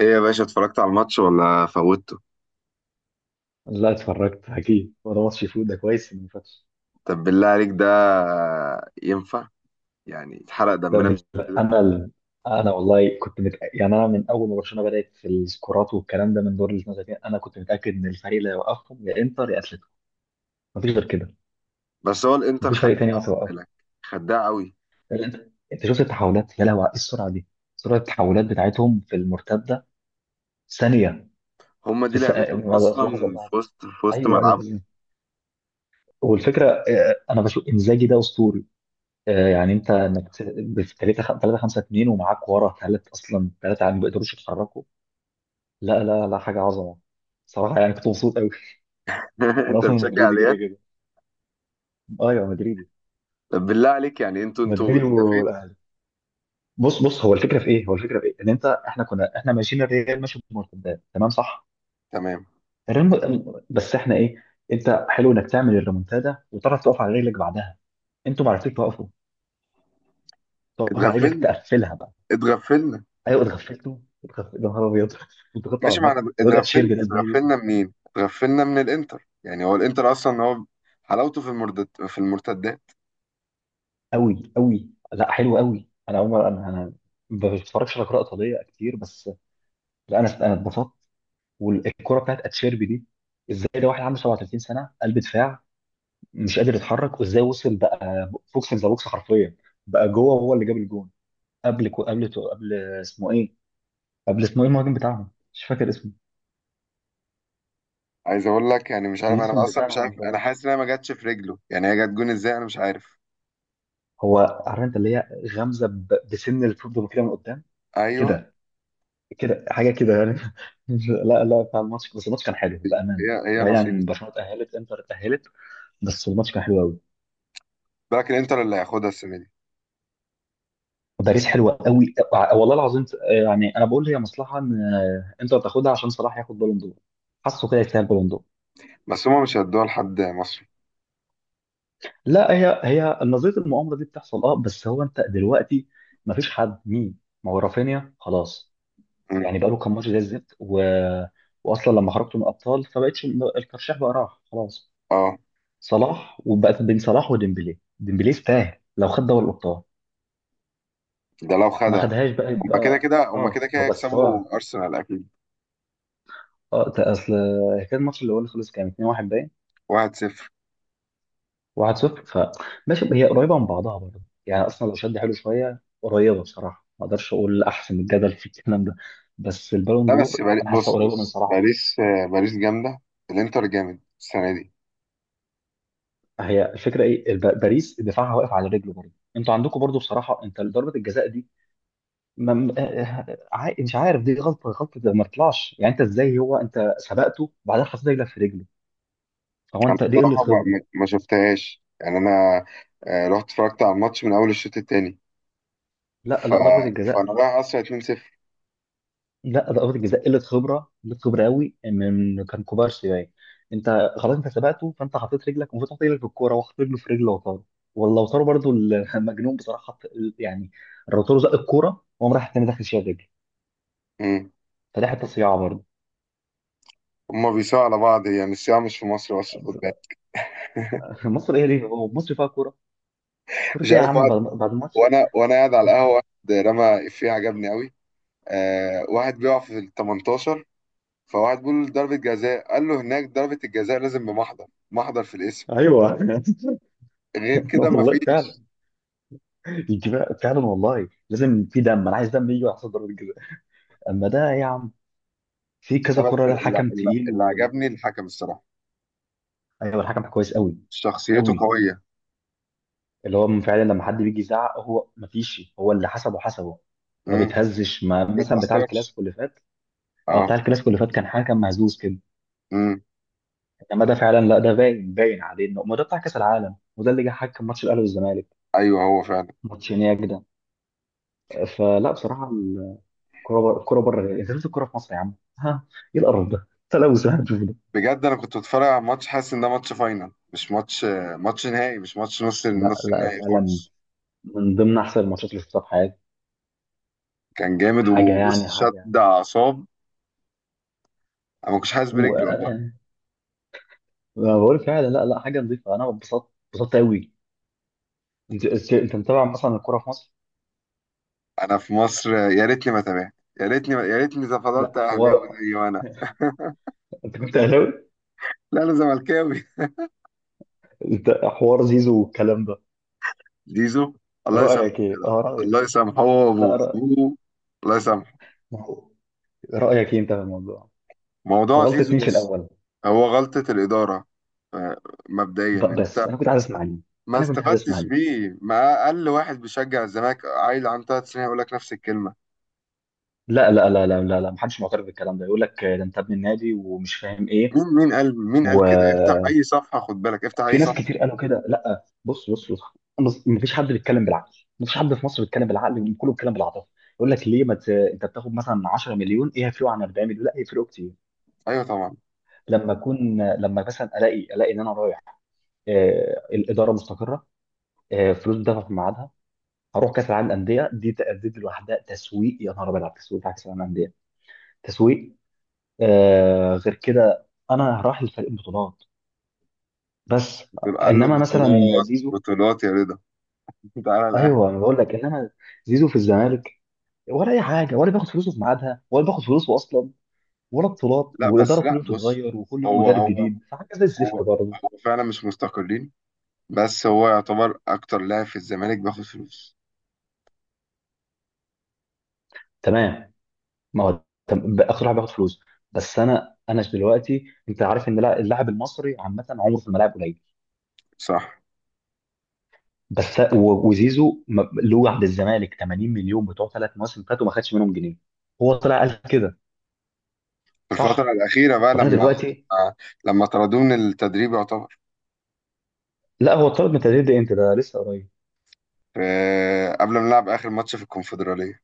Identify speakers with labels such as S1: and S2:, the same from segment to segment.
S1: ايه يا باشا، اتفرجت على الماتش ولا فوتته؟
S2: لا، اتفرجت اكيد، وده ماتش فوت، ده كويس انه ما فاتش.
S1: طب بالله عليك، ده ينفع؟ يعني اتحرق
S2: ده
S1: دمنا
S2: بال-
S1: بالشكل ده.
S2: انا ال... انا والله كنت مت... يعني انا من اول ما برشلونه بدات في السكورات والكلام ده من دور ال 32، انا كنت متاكد ان الفريق اللي هيوقفهم يا انتر يا اتلتيكو. مفيش غير كده.
S1: بس هو الانتر
S2: مفيش فريق
S1: خدها،
S2: تاني عارف
S1: خد
S2: يوقفهم.
S1: بالك. خدها قوي.
S2: لأن انت شفت التحولات، يا لهوي، على ايه السرعه دي! سرعه التحولات بتاعتهم في المرتده، ثانيه.
S1: هما دي
S2: في
S1: لعبتهم
S2: لحظه
S1: اصلا
S2: لحظه.
S1: في وسط
S2: ايوه، ايوه.
S1: ملعبهم.
S2: والفكره، انا بشوف انزاجي ده اسطوري. يعني في 3 3 5 2، ومعاك ورا ثلاث، اصلا ثلاثه، يعني ما بيقدروش يتحركوا. لا، لا، لا، حاجه عظمه. صراحه يعني كنت مبسوط قوي. انا
S1: انت
S2: اصلا
S1: بتشجع
S2: مدريدي
S1: ريال؟
S2: كده كده. ايوه، مدريدي.
S1: طب بالله عليك، يعني انتوا
S2: مدريدي
S1: اتدفيتوا.
S2: والاهلي. بص بص، هو الفكره في ايه؟ ان انت احنا كنا احنا ماشيين، الريال ماشي بمرتدات، تمام، صح.
S1: تمام.
S2: بس احنا ايه؟ انت حلو انك تعمل الريمونتادا، وتعرف تقف على رجلك بعدها. انتوا ما عرفتوش توقفوا. تقف على رجلك،
S1: اتغفلنا،
S2: تقفلها بقى.
S1: اتغفلنا.
S2: ايوه، اتغفلتوا، اتغفلتوا يا نهار ابيض! انتوا خدتوا على
S1: ماشي
S2: دماغكم،
S1: معنا،
S2: الواد
S1: اتغفلنا،
S2: اتشير ده ازاي وصل!
S1: اتغفلنا منين؟ اتغفلنا من الانتر. يعني هو الانتر اصلا هو حلاوته في المرتدات.
S2: قوي، قوي. لا، حلو قوي. انا اول مره انا ما بتفرجش على كره ايطاليه كتير، بس. لا، انا اتبسطت. والكره بتاعت اتشيربي دي، ازاي ده واحد عنده 37 سنه، قلب دفاع، مش قادر يتحرك، وازاي وصل بقى بوكس ذا بوكس حرفيا! بقى جوه هو اللي جاب الجون. قبل كو قبل قبل اسمه ايه؟ قبل، اسمه ايه المهاجم بتاعهم؟ مش فاكر اسمه.
S1: عايز اقول لك، يعني مش عارف، انا
S2: الاسم
S1: اصلا مش عارف،
S2: بتاعهم
S1: انا
S2: ده،
S1: حاسس انها ما جاتش في رجله. يعني هي جت جون ازاي؟ انا مش عارف.
S2: هو عارف؟ انت اللي هي غمزه بسن الفوتبول كده من قدام.
S1: ايوه،
S2: كده، كده حاجه كده يعني. لا، لا، بتاع الماتش، بس الماتش كان حلو بامانه.
S1: هي
S2: بعيد
S1: نصيب.
S2: عن برشلونه اتاهلت، انتر اتاهلت. بس الماتش كان حلو قوي.
S1: لكن الانتر اللي هياخدها السنه دي.
S2: وباريس حلوه قوي، والله العظيم. يعني انا بقول هي مصلحه ان انتر تاخدها عشان صلاح ياخد بالون دور. حاسه كده، يستاهل بالون دور.
S1: بس هما مش هيدوها لحد مصري.
S2: لا، هي نظريه المؤامره دي بتحصل. اه بس انت دلوقتي، ما فيش حد، مين؟ ما هو رافينيا خلاص،
S1: مم.
S2: يعني بقى له كام ماتش زي الزفت واصلا لما خرجتوا من الابطال فبقتش. الترشيح بقى راح خلاص،
S1: اه،
S2: صلاح. وبقت بين صلاح وديمبلي. ديمبلي يستاهل لو خد دوري الابطال.
S1: ده لو
S2: ما
S1: خدها.
S2: خدهاش بقى،
S1: هما كده
S2: يبقى
S1: كده هما كده كده
S2: هو، بس.
S1: هيكسبوا ارسنال اكيد.
S2: اه، ده اصل كان الماتش اللي خلص كان 2-1 باين.
S1: 1-0.
S2: 1-0، فماشي، هي قريبه من بعضها برضه يعني، اصلا لو شد حلو شويه قريبه. بصراحه ما اقدرش اقول احسن، الجدل في الكلام ده. بس البالون
S1: لا بس
S2: دور، انا حاسه
S1: بص،
S2: قريبه من
S1: بص،
S2: صلاح اكتر.
S1: باريس، باريس جامده. الانتر جامد السنه دي.
S2: هي الفكره ايه؟ باريس دفاعها واقف على رجله برضه. انتوا عندكم برضه بصراحه، انت ضربه الجزاء دي، ما م- عا- مش عارف. دي غلطه غلطه، ده ما طلعش، يعني انت ازاي؟ انت سبقته، بعدين حطيت رجلك في رجله. فهو انت، دي
S1: بصراحه
S2: قله
S1: ما,
S2: خبره.
S1: ما ما شفتهاش يعني انا، رحت اتفرجت على الماتش من اول الشوط التاني.
S2: لا،
S1: ف...
S2: لا، ضربه
S1: فانا
S2: الجزاء.
S1: رايح اصلا 2-0.
S2: لا، ضربه الجزاء قله خبره، قله خبره قوي، من كان كوبارسي باين. انت، خلاص، انت سبقته، فانت حطيت رجلك، المفروض تحط رجلك في الكوره، وحط رجله في رجل لوتارو. والله لوتارو برضو المجنون. بصراحه حط يعني، لوتارو زق الكوره وقام راح التاني داخل شايل رجله. فدي حته صياعه برضه.
S1: هما بيساووا على بعض. يعني الصياعة مش في مصر بس، في الخد.
S2: مصر ايه؟ ليه هو مصر فيها كوره؟ كوره
S1: مش
S2: ايه يا
S1: عارف،
S2: عم؟ بعد
S1: واحد،
S2: بعد الماتش.
S1: وانا قاعد على القهوة، واحد رمى إفيه عجبني قوي. آه، واحد بيقع في ال 18، فواحد بيقول له: ضربة جزاء. قال له: هناك ضربة الجزاء لازم بمحضر، محضر في الاسم.
S2: ايوه.
S1: غير كده
S2: والله
S1: مفيش.
S2: يجي فعلا، والله لازم، في دم، انا عايز دم يجي على حسب ضربة الجزاء. اما ده يا عم! في
S1: ده
S2: كذا
S1: بس
S2: كرة. ده
S1: اللي,
S2: الحكم
S1: اللي,
S2: تقيل،
S1: اللي عجبني الحكم، الصراحة.
S2: ايوه، الحكم كويس قوي.
S1: شخصيته
S2: قوي.
S1: قوية.
S2: اللي هو فعلا لما حد بيجي يزعق، هو ما فيش، هو اللي حسبه حسبه. ما
S1: امم.
S2: بيتهزش، ما مثلا بتاع
S1: بيتأثرش.
S2: الكلاسيكو اللي فات. اه،
S1: اه.
S2: بتاع الكلاسيكو اللي فات كان حكم مهزوز كده.
S1: امم.
S2: انما ده فعلا لا، ده باين، باين عليه انه ما. ده بتاع كاس العالم، وده اللي جه حكم ماتش الاهلي والزمالك.
S1: ايوه، هو فعلا.
S2: ماتش هناك ده. فلا، بصراحه الكوره بره، الكوره بره، انت شفت الكوره في مصر يا عم؟ ها؟ ايه القرف ده! تلوث.
S1: بجد انا كنت بتفرج على الماتش حاسس ان ده ماتش فاينل، مش ماتش، ماتش نهائي، مش ماتش نص
S2: لا،
S1: نص
S2: لا،
S1: النهائي
S2: فعلا.
S1: خالص.
S2: من ضمن احسن الماتشات اللي شفتها في حياتي.
S1: كان جامد،
S2: حاجه
S1: وبص
S2: يعني، حاجه.
S1: شد اعصاب. انا ما كنتش حاسس برجلي والله.
S2: يعني، أنا بقول فعلا، لا، لا، حاجه نظيفه، انا اتبسطت، اتبسطت قوي. انت متابع مثلا الكوره في مصر؟
S1: انا في مصر يا ريتني ما تابعت. يا ريتني إذا
S2: لا
S1: فضلت اهلاوي
S2: حوار.
S1: زي ما انا.
S2: انت كنت اهلاوي؟
S1: لا انا زملكاوي.
S2: انت حوار زيزو والكلام ده.
S1: زيزو، الله يسامحه
S2: رايك
S1: يا
S2: ايه؟
S1: جدع.
S2: اه، رايك.
S1: الله يسامحه، هو
S2: لا،
S1: وابوه أبوه، الله يسامحه.
S2: ما هو، رايك ايه انت في الموضوع؟
S1: موضوع
S2: غلطة مين
S1: زيزو،
S2: في
S1: بص،
S2: الاول؟
S1: هو غلطة الإدارة. آه، مبدئيا انت
S2: بس انا كنت عايز اسمع، ليه؟
S1: ما
S2: انا كنت عايز اسمع،
S1: استفدتش
S2: ليه؟
S1: بيه. ما اقل واحد بيشجع الزمالك عيل عنده 3 سنين هيقول لك نفس الكلمه.
S2: لا، لا، لا، لا، لا، لا، محدش معترف بالكلام ده. يقول لك ده انت ابن النادي، ومش فاهم ايه.
S1: مين قال
S2: و
S1: كده؟ افتح اي صفحه، خد بالك افتح اي
S2: في ناس
S1: صفحه.
S2: كتير قالوا كده. لا، بص بص بص. بص، مفيش حد بيتكلم بالعقل. مفيش حد في مصر بيتكلم بالعقل، كله بيتكلم بالعاطفه. يقول لك ليه ما ت... انت بتاخد مثلا 10 مليون، ايه هيفرقوا عن 40 مليون؟ لا، هيفرقوا كتير.
S1: ايوه طبعا.
S2: لما مثلا الاقي ان انا رايح، الاداره مستقره، فلوس بتدفع في ميعادها، هروح كاس العالم للانديه دي تأديت لوحدها. تسويق، يا نهار ابيض على التسويق بتاع كاس العالم للانديه! تسويق! غير كده انا رايح لفريق بطولات، بس
S1: دول قال له:
S2: انما مثلا
S1: بطولات،
S2: زيزو.
S1: بطولات يا رضا. تعالى الاهلي.
S2: ايوه انا بقول لك، انما زيزو في الزمالك، ولا اي حاجه، ولا بياخد فلوسه في ميعادها، ولا بياخد فلوسه اصلا، ولا بطولات،
S1: لا
S2: والاداره
S1: بس
S2: كل
S1: لا،
S2: يوم
S1: بص،
S2: تتغير، وكل يوم
S1: هو
S2: مدرب
S1: هو
S2: جديد، فحاجه زي الزفت
S1: هو
S2: برضه.
S1: هو فعلا مش مستقلين. بس هو يعتبر اكتر لاعب في الزمالك بياخد فلوس.
S2: تمام. ما هو، بقى اخر واحد بياخد فلوس. بس انا دلوقتي انت عارف ان اللاعب المصري عامه عمره في الملاعب قليل.
S1: صح،
S2: بس وزيزو له عند الزمالك 80 مليون بتوع 3 مواسم فاتوا، ما خدش منهم جنيه. هو طلع قال كده.
S1: في الفترة
S2: صح.
S1: الأخيرة بقى،
S2: طب انا
S1: لما
S2: دلوقتي،
S1: لما طردوه من التدريب يعتبر.
S2: لا، هو اتطرد من التدريب ده امتى؟ ده لسه قريب.
S1: قبل ما نلعب آخر ماتش في الكونفدرالية.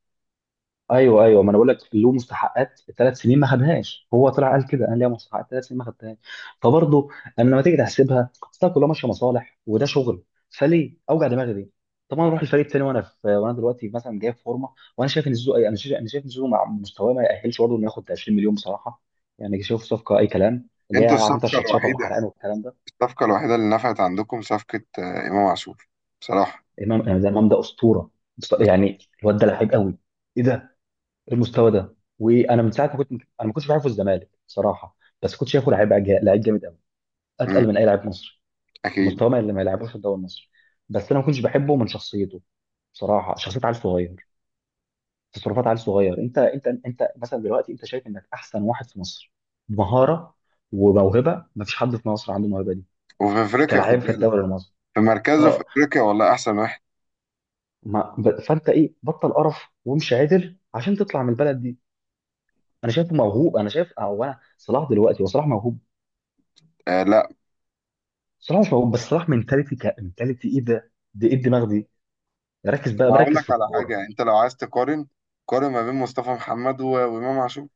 S2: ايوه، ايوه، ما انا بقول لك، له مستحقات 3 سنين ما خدهاش، هو طلع قال كده، قال لي مستحقات 3 سنين ما خدتهاش. فبرضه، انا لما تيجي تحسبها، اصل كلها ماشيه مصالح، وده شغل. فليه اوجع دماغي ليه؟ طب انا اروح الفريق التاني، وانا دلوقتي مثلا جاي في فورمه. وانا شايف ان زيزو انا شايف انا شايف ان زيزو مع مستواه ما يأهلش برضه انه ياخد 20 مليون، بصراحه. يعني شايف صفقه اي كلام اللي هي
S1: انتوا
S2: عارف انت،
S1: الصفقة
S2: الشطشطه
S1: الوحيدة،
S2: والحرقان والكلام ده.
S1: الصفقة الوحيدة اللي نفعت عندكم، صفقة إمام عاشور، بصراحة.
S2: امام ده، إمام ده اسطوره.
S1: بس.
S2: يعني الواد ده لعيب قوي. ايه ده! المستوى ده! وانا من ساعه ما كنت انا ما كنتش بعرفه الزمالك بصراحه، بس كنت شايفه لعيب جامد قوي.
S1: مم،
S2: اتقل من اي لاعب مصري.
S1: أكيد.
S2: مستواه ما اللي ما يلعبوش في الدوري المصري. بس انا ما كنتش بحبه من شخصيته. بصراحه شخصيه عيل صغير، تصرفات عيل صغير. انت مثلا دلوقتي انت شايف انك احسن واحد في مصر. بمهاره وموهبه ما فيش حد في مصر عنده الموهبه دي،
S1: وفي أفريقيا
S2: كلاعب
S1: خد
S2: في
S1: بالك،
S2: الدوري المصري.
S1: في مركزه في
S2: اه
S1: أفريقيا والله أحسن واحد.
S2: ما ب- فانت ايه، بطل قرف وامشي عدل عشان تطلع من البلد دي. انا شايفه موهوب. انا شايف او انا، صلاح دلوقتي، وصلاح موهوب.
S1: آه،
S2: صلاح مش موجود بس، صلاح منتاليتي كمنتاليتي، ايه ده؟ دي ايه الدماغ دي؟ ركز بقى،
S1: ما اقول
S2: بركز
S1: لك
S2: في
S1: على حاجه،
S2: الكوره.
S1: يعني انت لو عايز تقارن، قارن ما بين مصطفى محمد وامام عاشور.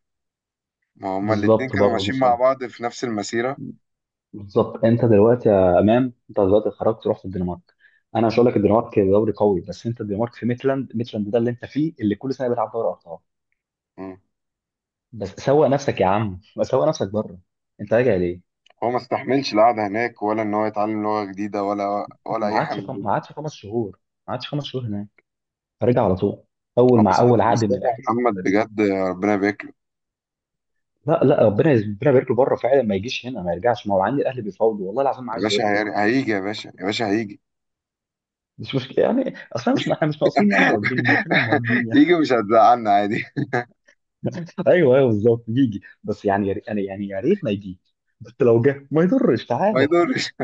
S1: ما هما الاتنين
S2: بالظبط
S1: كانوا
S2: برضه،
S1: ماشيين مع
S2: مصاب.
S1: بعض في نفس المسيره.
S2: بالظبط، انت دلوقتي يا امام، انت دلوقتي خرجت رحت الدنمارك. انا مش هقول لك الدنمارك دوري قوي، بس انت الدنمارك في ميتلاند. ميتلاند ده اللي انت فيه، اللي كل سنه بيلعب دوري ابطال.
S1: مم.
S2: بس سوق نفسك يا عم، بس سوق نفسك بره. انت راجع ليه؟
S1: هو ما استحملش القعده هناك، ولا ان هو يتعلم لغه جديده، ولا اي حاجه من دي.
S2: ما عادش 5 شهور. ما عادش 5 شهور هناك، رجع على طول، اول
S1: هو
S2: مع اول عقد من
S1: مصطفى
S2: الاهلي، هوب!
S1: محمد، بجد ربنا يبارك له.
S2: لا، لا، ربنا يبارك له بره فعلا، ما يجيش هنا، ما يرجعش، ما هو عندي الاهلي بيفاوضوا والله العظيم ما
S1: يا
S2: عايزه
S1: باشا
S2: يرجع.
S1: هيجي، يا باشا يا باشا هيجي.
S2: مش مشكله يعني اصلا، مش احنا مش ناقصين يعني، مواجبين واقفين على المواجبين يعني.
S1: يجي مش هتزعلنا عادي.
S2: ايوه، ايوه، بالظبط يجي، بس يعني يعني يا ريت ما يجي. بس لو جه ما يضرش.
S1: ما
S2: تعالى.
S1: يضرش.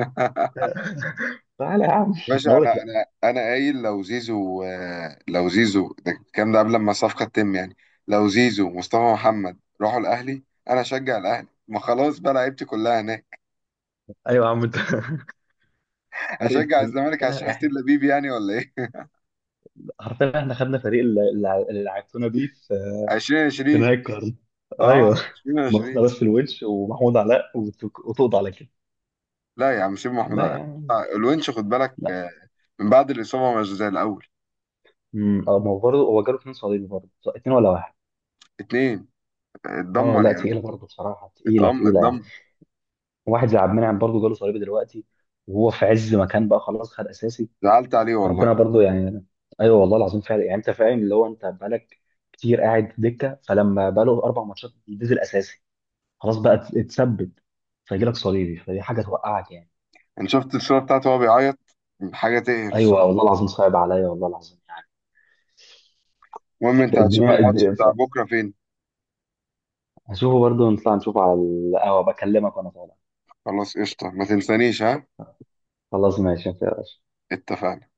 S2: تعالى يا عم، انا
S1: باشا،
S2: اقول
S1: انا
S2: لك، لا.
S1: انا انا قايل لو زيزو، لو زيزو ده الكلام ده قبل ما الصفقه تتم يعني. لو زيزو ومصطفى محمد راحوا الاهلي، انا اشجع الاهلي. ما خلاص بقى، لعيبتي كلها هناك.
S2: ايوه يا عم، انت! قريت
S1: اشجع
S2: كل،
S1: الزمالك عشان
S2: حرفيا
S1: حسين
S2: احنا،
S1: لبيب يعني، ولا ايه؟
S2: حرفيا احنا خدنا فريق اللي لعبتونا بيه في في
S1: 2020.
S2: نهاية القرن.
S1: اه،
S2: ايوه. ناقصنا
S1: 2020.
S2: بس الونش ومحمود علاء وتقضى على كده.
S1: لا يا عم، سيب محمود
S2: لا
S1: علاء.
S2: يعني.
S1: الونش خد بالك، من بعد الاصابه مش زي الاول.
S2: اه، ما هو برضه، هو جاله اثنين صليبي برضه، اتنين ولا واحد؟
S1: اتنين.
S2: اه،
S1: اتدمر
S2: لا،
S1: يعني.
S2: تقيله برضه بصراحه، تقيله تقيله يعني.
S1: اتدمر.
S2: واحد زي عبد المنعم برضه، جاله صليبي دلوقتي، وهو في عز مكان، بقى خلاص خد اساسي.
S1: زعلت عليه والله.
S2: فربنا برضه يعني. ايوه والله العظيم فعلا، يعني انت فاهم اللي هو، انت بقالك كتير قاعد دكه، فلما بقاله 4 ماتشات نزل اساسي، خلاص بقى اتثبت. فيجي لك صليبي، فدي حاجه توقعك يعني.
S1: انا شفت الصوره بتاعته وهو بيعيط، حاجه تقهر
S2: ايوه
S1: الصراحه.
S2: والله العظيم، صعب عليا والله العظيم يعني.
S1: المهم، انت هتشوف
S2: الدنيا الد-
S1: الماتش بتاع بكره فين؟
S2: هشوفه برضه، نطلع نشوفه على القهوه، بكلمك وانا طالع.
S1: خلاص قشطه، ما تنسانيش، ها؟
S2: خلاص ماشي يا باشا.
S1: اتفقنا.